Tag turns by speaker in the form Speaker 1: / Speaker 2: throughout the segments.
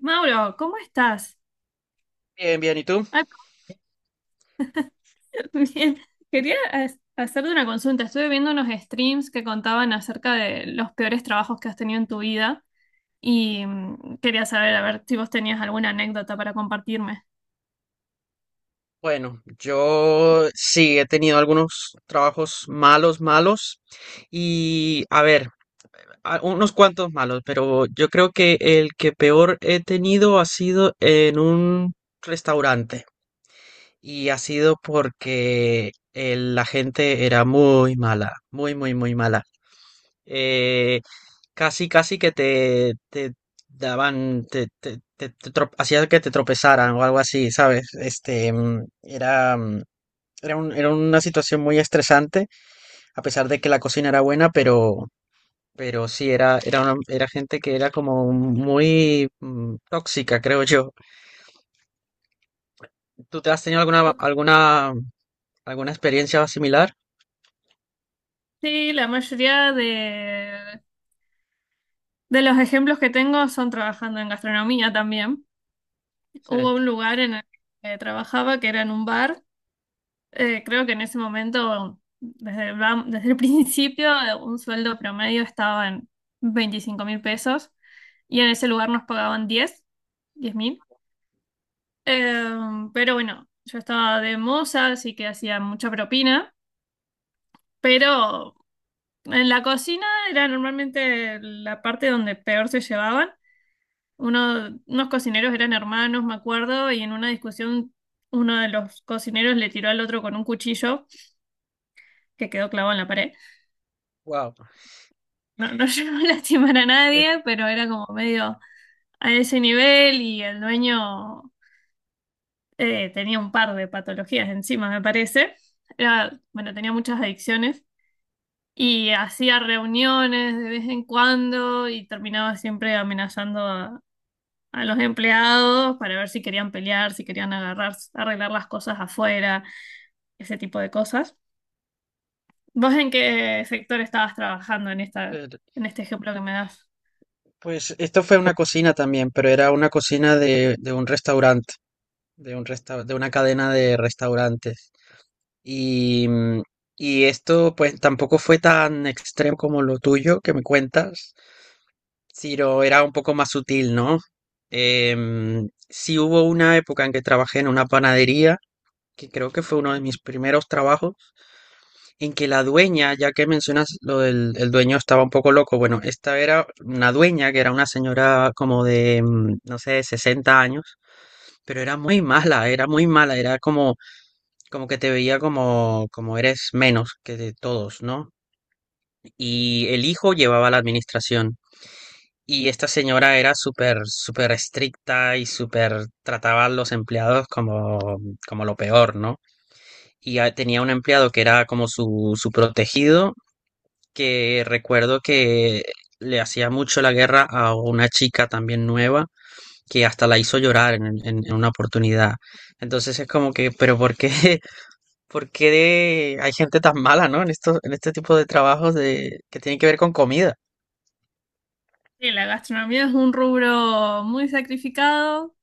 Speaker 1: Mauro, ¿cómo estás?
Speaker 2: Bien, bien, ¿y tú?
Speaker 1: Ay, bien. Quería hacerte una consulta. Estuve viendo unos streams que contaban acerca de los peores trabajos que has tenido en tu vida y quería saber, a ver si vos tenías alguna anécdota para compartirme.
Speaker 2: Bueno, yo sí he tenido algunos trabajos malos, malos, y a ver, unos cuantos malos, pero yo creo que el que peor he tenido ha sido en un restaurante, y ha sido porque la gente era muy mala, muy mala. Eh, casi que te daban, te hacía que te tropezaran o algo así, ¿sabes? Era una situación muy estresante, a pesar de que la cocina era buena, pero sí, era gente que era como muy tóxica, creo yo. ¿Tú te has tenido alguna experiencia similar?
Speaker 1: Sí, la mayoría de los ejemplos que tengo son trabajando en gastronomía también.
Speaker 2: Sí.
Speaker 1: Hubo un lugar en el que trabajaba que era en un bar. Creo que en ese momento, desde el principio, un sueldo promedio estaba en 25 mil pesos y en ese lugar nos pagaban 10, 10 mil. Pero bueno, yo estaba de moza, así que hacía mucha propina, pero en la cocina era normalmente la parte donde peor se llevaban. Unos cocineros eran hermanos, me acuerdo, y en una discusión uno de los cocineros le tiró al otro con un cuchillo que quedó clavado en la pared.
Speaker 2: Wow.
Speaker 1: No, no llegó a lastimar a nadie, pero era como medio a ese nivel. Y el dueño tenía un par de patologías encima, me parece. Era, bueno, tenía muchas adicciones y hacía reuniones de vez en cuando y terminaba siempre amenazando a los empleados para ver si querían pelear, si querían agarrar, arreglar las cosas afuera, ese tipo de cosas. ¿Vos en qué sector estabas trabajando en este ejemplo que me das?
Speaker 2: Pues esto fue una cocina también, pero era una cocina de un restaurante, de un de una cadena de restaurantes. Y, mm, y esto pues tampoco fue tan extremo como lo tuyo que me cuentas. Ciro era un poco más sutil, ¿no? Sí hubo una época en que trabajé en una panadería, que creo que fue uno de mis primeros trabajos, en que la dueña, ya que mencionas lo del el dueño estaba un poco loco, bueno, esta era una dueña que era una señora como de, no sé, 60 años, pero era muy mala, era muy mala, era como, como que te veía como, como eres menos que de todos, ¿no? Y el hijo llevaba la administración. Y esta señora era súper, súper estricta y súper trataba a los empleados como, como lo peor, ¿no? Y tenía un empleado que era como su protegido, que recuerdo que le hacía mucho la guerra a una chica también nueva, que hasta la hizo llorar en una oportunidad. Entonces es como que, pero ¿por qué, por qué hay gente tan mala, ¿no? En estos, en este tipo de trabajos de, que tienen que ver con comida.
Speaker 1: Sí, la gastronomía es un rubro muy sacrificado,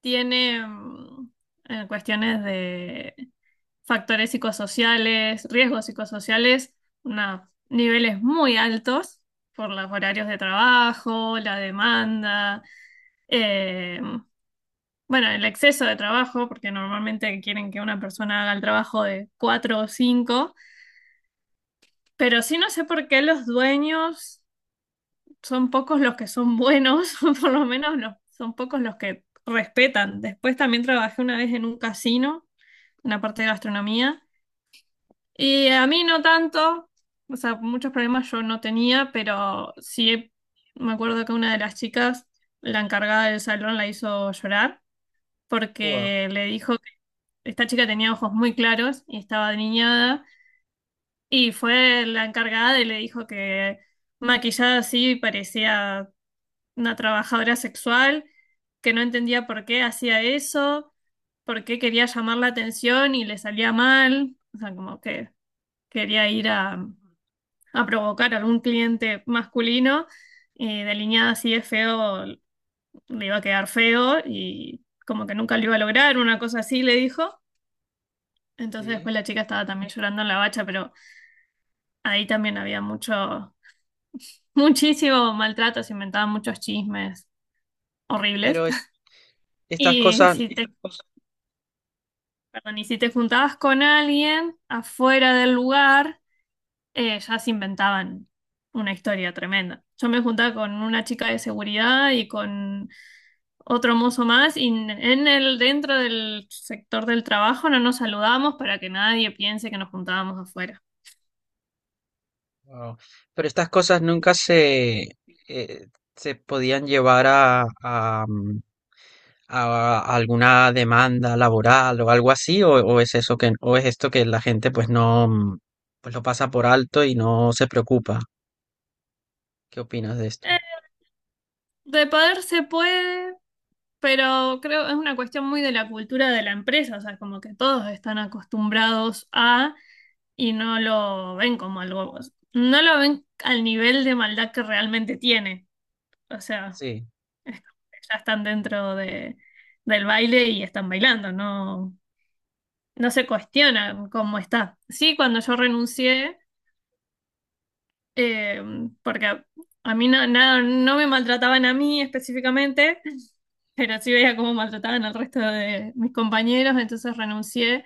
Speaker 1: tiene cuestiones de factores psicosociales, riesgos psicosociales, niveles muy altos por los horarios de trabajo, la demanda, eh, bueno, el exceso de trabajo, porque normalmente quieren que una persona haga el trabajo de cuatro o cinco, pero sí no sé por qué los dueños son pocos los que son buenos, por lo menos son pocos los que respetan. Después también trabajé una vez en un casino, en la parte de gastronomía, y a mí no tanto, o sea, muchos problemas yo no tenía, pero sí me acuerdo que una de las chicas, la encargada del salón, la hizo llorar
Speaker 2: Wow,
Speaker 1: porque le dijo que esta chica tenía ojos muy claros y estaba niñada, y fue la encargada y le dijo que maquillada así parecía una trabajadora sexual, que no entendía por qué hacía eso, por qué quería llamar la atención y le salía mal, o sea, como que quería ir a provocar a algún cliente masculino, y delineada así de feo, le iba a quedar feo y como que nunca lo iba a lograr, una cosa así le dijo. Entonces después
Speaker 2: sí.
Speaker 1: la chica estaba también llorando en la bacha, pero ahí también había mucho, muchísimo maltrato, se inventaban muchos chismes horribles.
Speaker 2: Pero estas
Speaker 1: Y
Speaker 2: cosas.
Speaker 1: si te Y si te juntabas con alguien afuera del lugar, ya se inventaban una historia tremenda. Yo me juntaba con una chica de seguridad y con otro mozo más, y en el, dentro del sector del trabajo no nos saludamos para que nadie piense que nos juntábamos afuera.
Speaker 2: Wao. Pero estas cosas nunca se, eh, se podían llevar a alguna demanda laboral o algo así, o es eso que, o es esto que la gente pues no, pues lo pasa por alto y no se preocupa. ¿Qué opinas de esto?
Speaker 1: Eh, de poder se puede, pero creo que es una cuestión muy de la cultura de la empresa, o sea, como que todos están acostumbrados a y no lo ven como algo, no lo ven al nivel de maldad que realmente tiene. O sea,
Speaker 2: Sí,
Speaker 1: es como que ya están dentro de, del baile y están bailando, no, no se cuestiona cómo está. Sí, cuando yo renuncié, eh, porque a mí no me maltrataban a mí específicamente, pero sí veía cómo maltrataban al resto de mis compañeros, entonces renuncié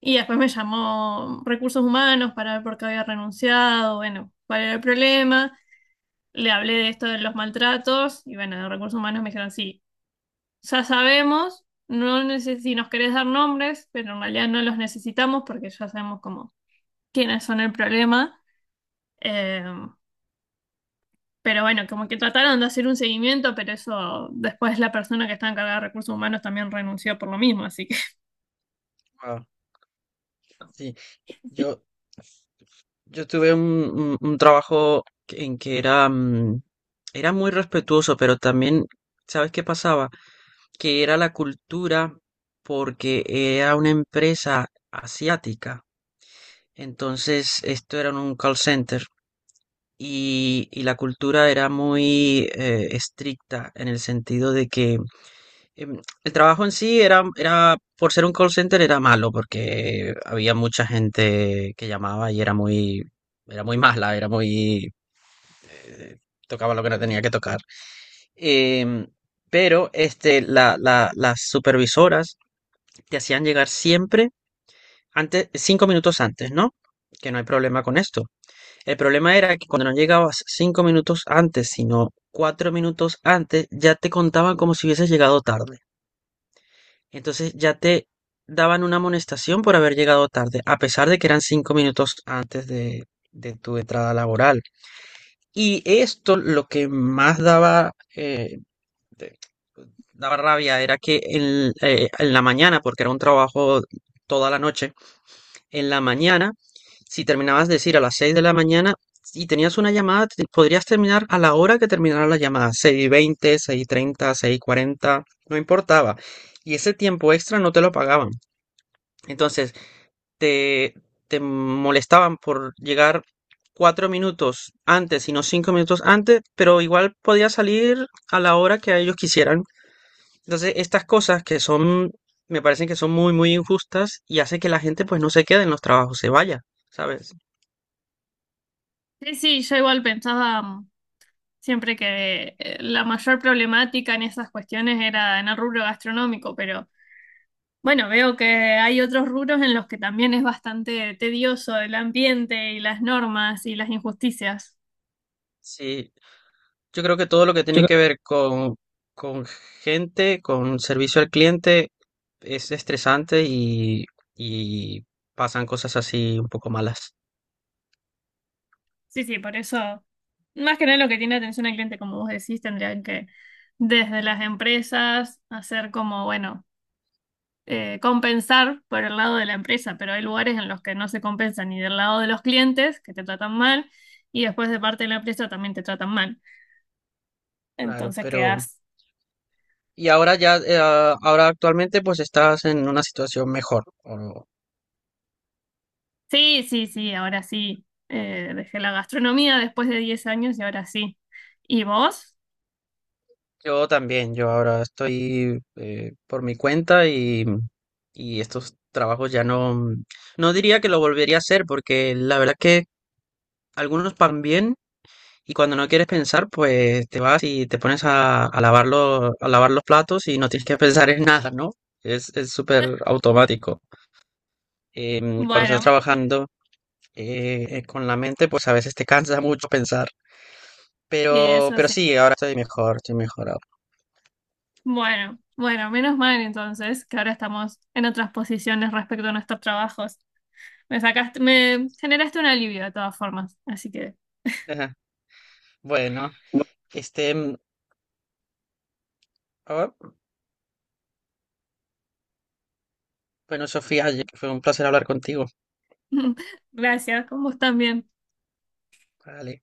Speaker 1: y después me llamó Recursos Humanos para ver por qué había renunciado, bueno, cuál era el problema, le hablé de esto de los maltratos y bueno, de Recursos Humanos me dijeron, sí, ya sabemos, si nos querés dar nombres, pero en realidad no los necesitamos porque ya sabemos cómo, quiénes son el problema. Eh, Pero bueno, como que trataron de hacer un seguimiento, pero eso después la persona que está encargada de recursos humanos también renunció por lo mismo, así que...
Speaker 2: wao. Sí, yo. Yo tuve un trabajo en que era, era muy respetuoso, pero también, ¿sabes qué pasaba? Que era la cultura porque era una empresa asiática. Entonces, esto era un call center y la cultura era muy estricta en el sentido de que el trabajo en sí era, era, por ser un call center era malo porque había mucha gente que llamaba y era muy mala, era muy, eh, tocaba lo que no tenía que tocar. Em, pero este, las supervisoras te hacían llegar siempre antes, cinco minutos antes, ¿no? Que no hay problema con esto. El problema era que cuando no llegabas cinco minutos antes, sino cuatro minutos antes, ya te contaban como si hubieses llegado tarde. Entonces ya te daban una amonestación por haber llegado tarde, a pesar de que eran cinco minutos antes de tu entrada laboral. Y esto lo que más daba, de- daba rabia era que en la mañana, porque era un trabajo toda la noche, en la mañana, si terminabas de decir a las seis de la mañana y tenías una llamada, podrías terminar a la hora que terminara la llamada, seis y veinte, seis y treinta, seis y cuarenta, no importaba. Y ese tiempo extra no te lo pagaban. Entonces, te, te molestaban por llegar cuatro minutos antes y no cinco minutos antes, pero igual podías salir a la hora que a ellos quisieran. Entonces, estas cosas que son, me parecen que son muy, muy injustas y hace que la gente pues no se quede en los trabajos, se vaya, ¿sabes?
Speaker 1: Sí, sí, yo igual pensaba siempre que la mayor problemática en esas cuestiones era en el rubro gastronómico, pero bueno, veo que hay otros rubros en los que también es bastante tedioso el ambiente y las normas y las injusticias.
Speaker 2: Sí, yo creo que todo lo que tiene que ver con gente, con servicio al cliente, es estresante y pasan cosas así un poco malas.
Speaker 1: Sí, sí, por eso, más que nada lo que tiene atención al cliente, como vos decís, tendrían que desde las empresas hacer como, bueno, compensar por el lado de la empresa, pero hay lugares en los que no se compensa ni del lado de los clientes, que te tratan mal, y después de parte de la empresa también te tratan mal.
Speaker 2: Claro,
Speaker 1: Entonces
Speaker 2: pero.
Speaker 1: quedas,
Speaker 2: Y ahora ya, ahora actualmente pues estás en una situación mejor. O-
Speaker 1: sí, sí, sí, ahora sí, dejé la gastronomía después de 10 años y ahora sí. ¿Y vos?
Speaker 2: yo también, yo ahora estoy por mi cuenta y estos trabajos ya no, no diría que lo volvería a hacer porque la verdad que algunos van bien y cuando no quieres pensar pues te vas y te pones a lavar los platos y no tienes que pensar en nada, ¿no? Es súper automático. Cuando estás
Speaker 1: Bueno,
Speaker 2: trabajando con la mente pues a veces te cansa mucho pensar.
Speaker 1: sí, eso
Speaker 2: Pero
Speaker 1: sí.
Speaker 2: sí, ahora estoy mejor ahora.
Speaker 1: Bueno, bueno, menos mal entonces que ahora estamos en otras posiciones respecto a nuestros trabajos. Me sacaste, me generaste un alivio de todas formas, así que
Speaker 2: Ajá. Bueno, este, mm, ah, bueno, Sofía, oye, fue un placer hablar contigo.
Speaker 1: gracias, con vos también.
Speaker 2: Vale.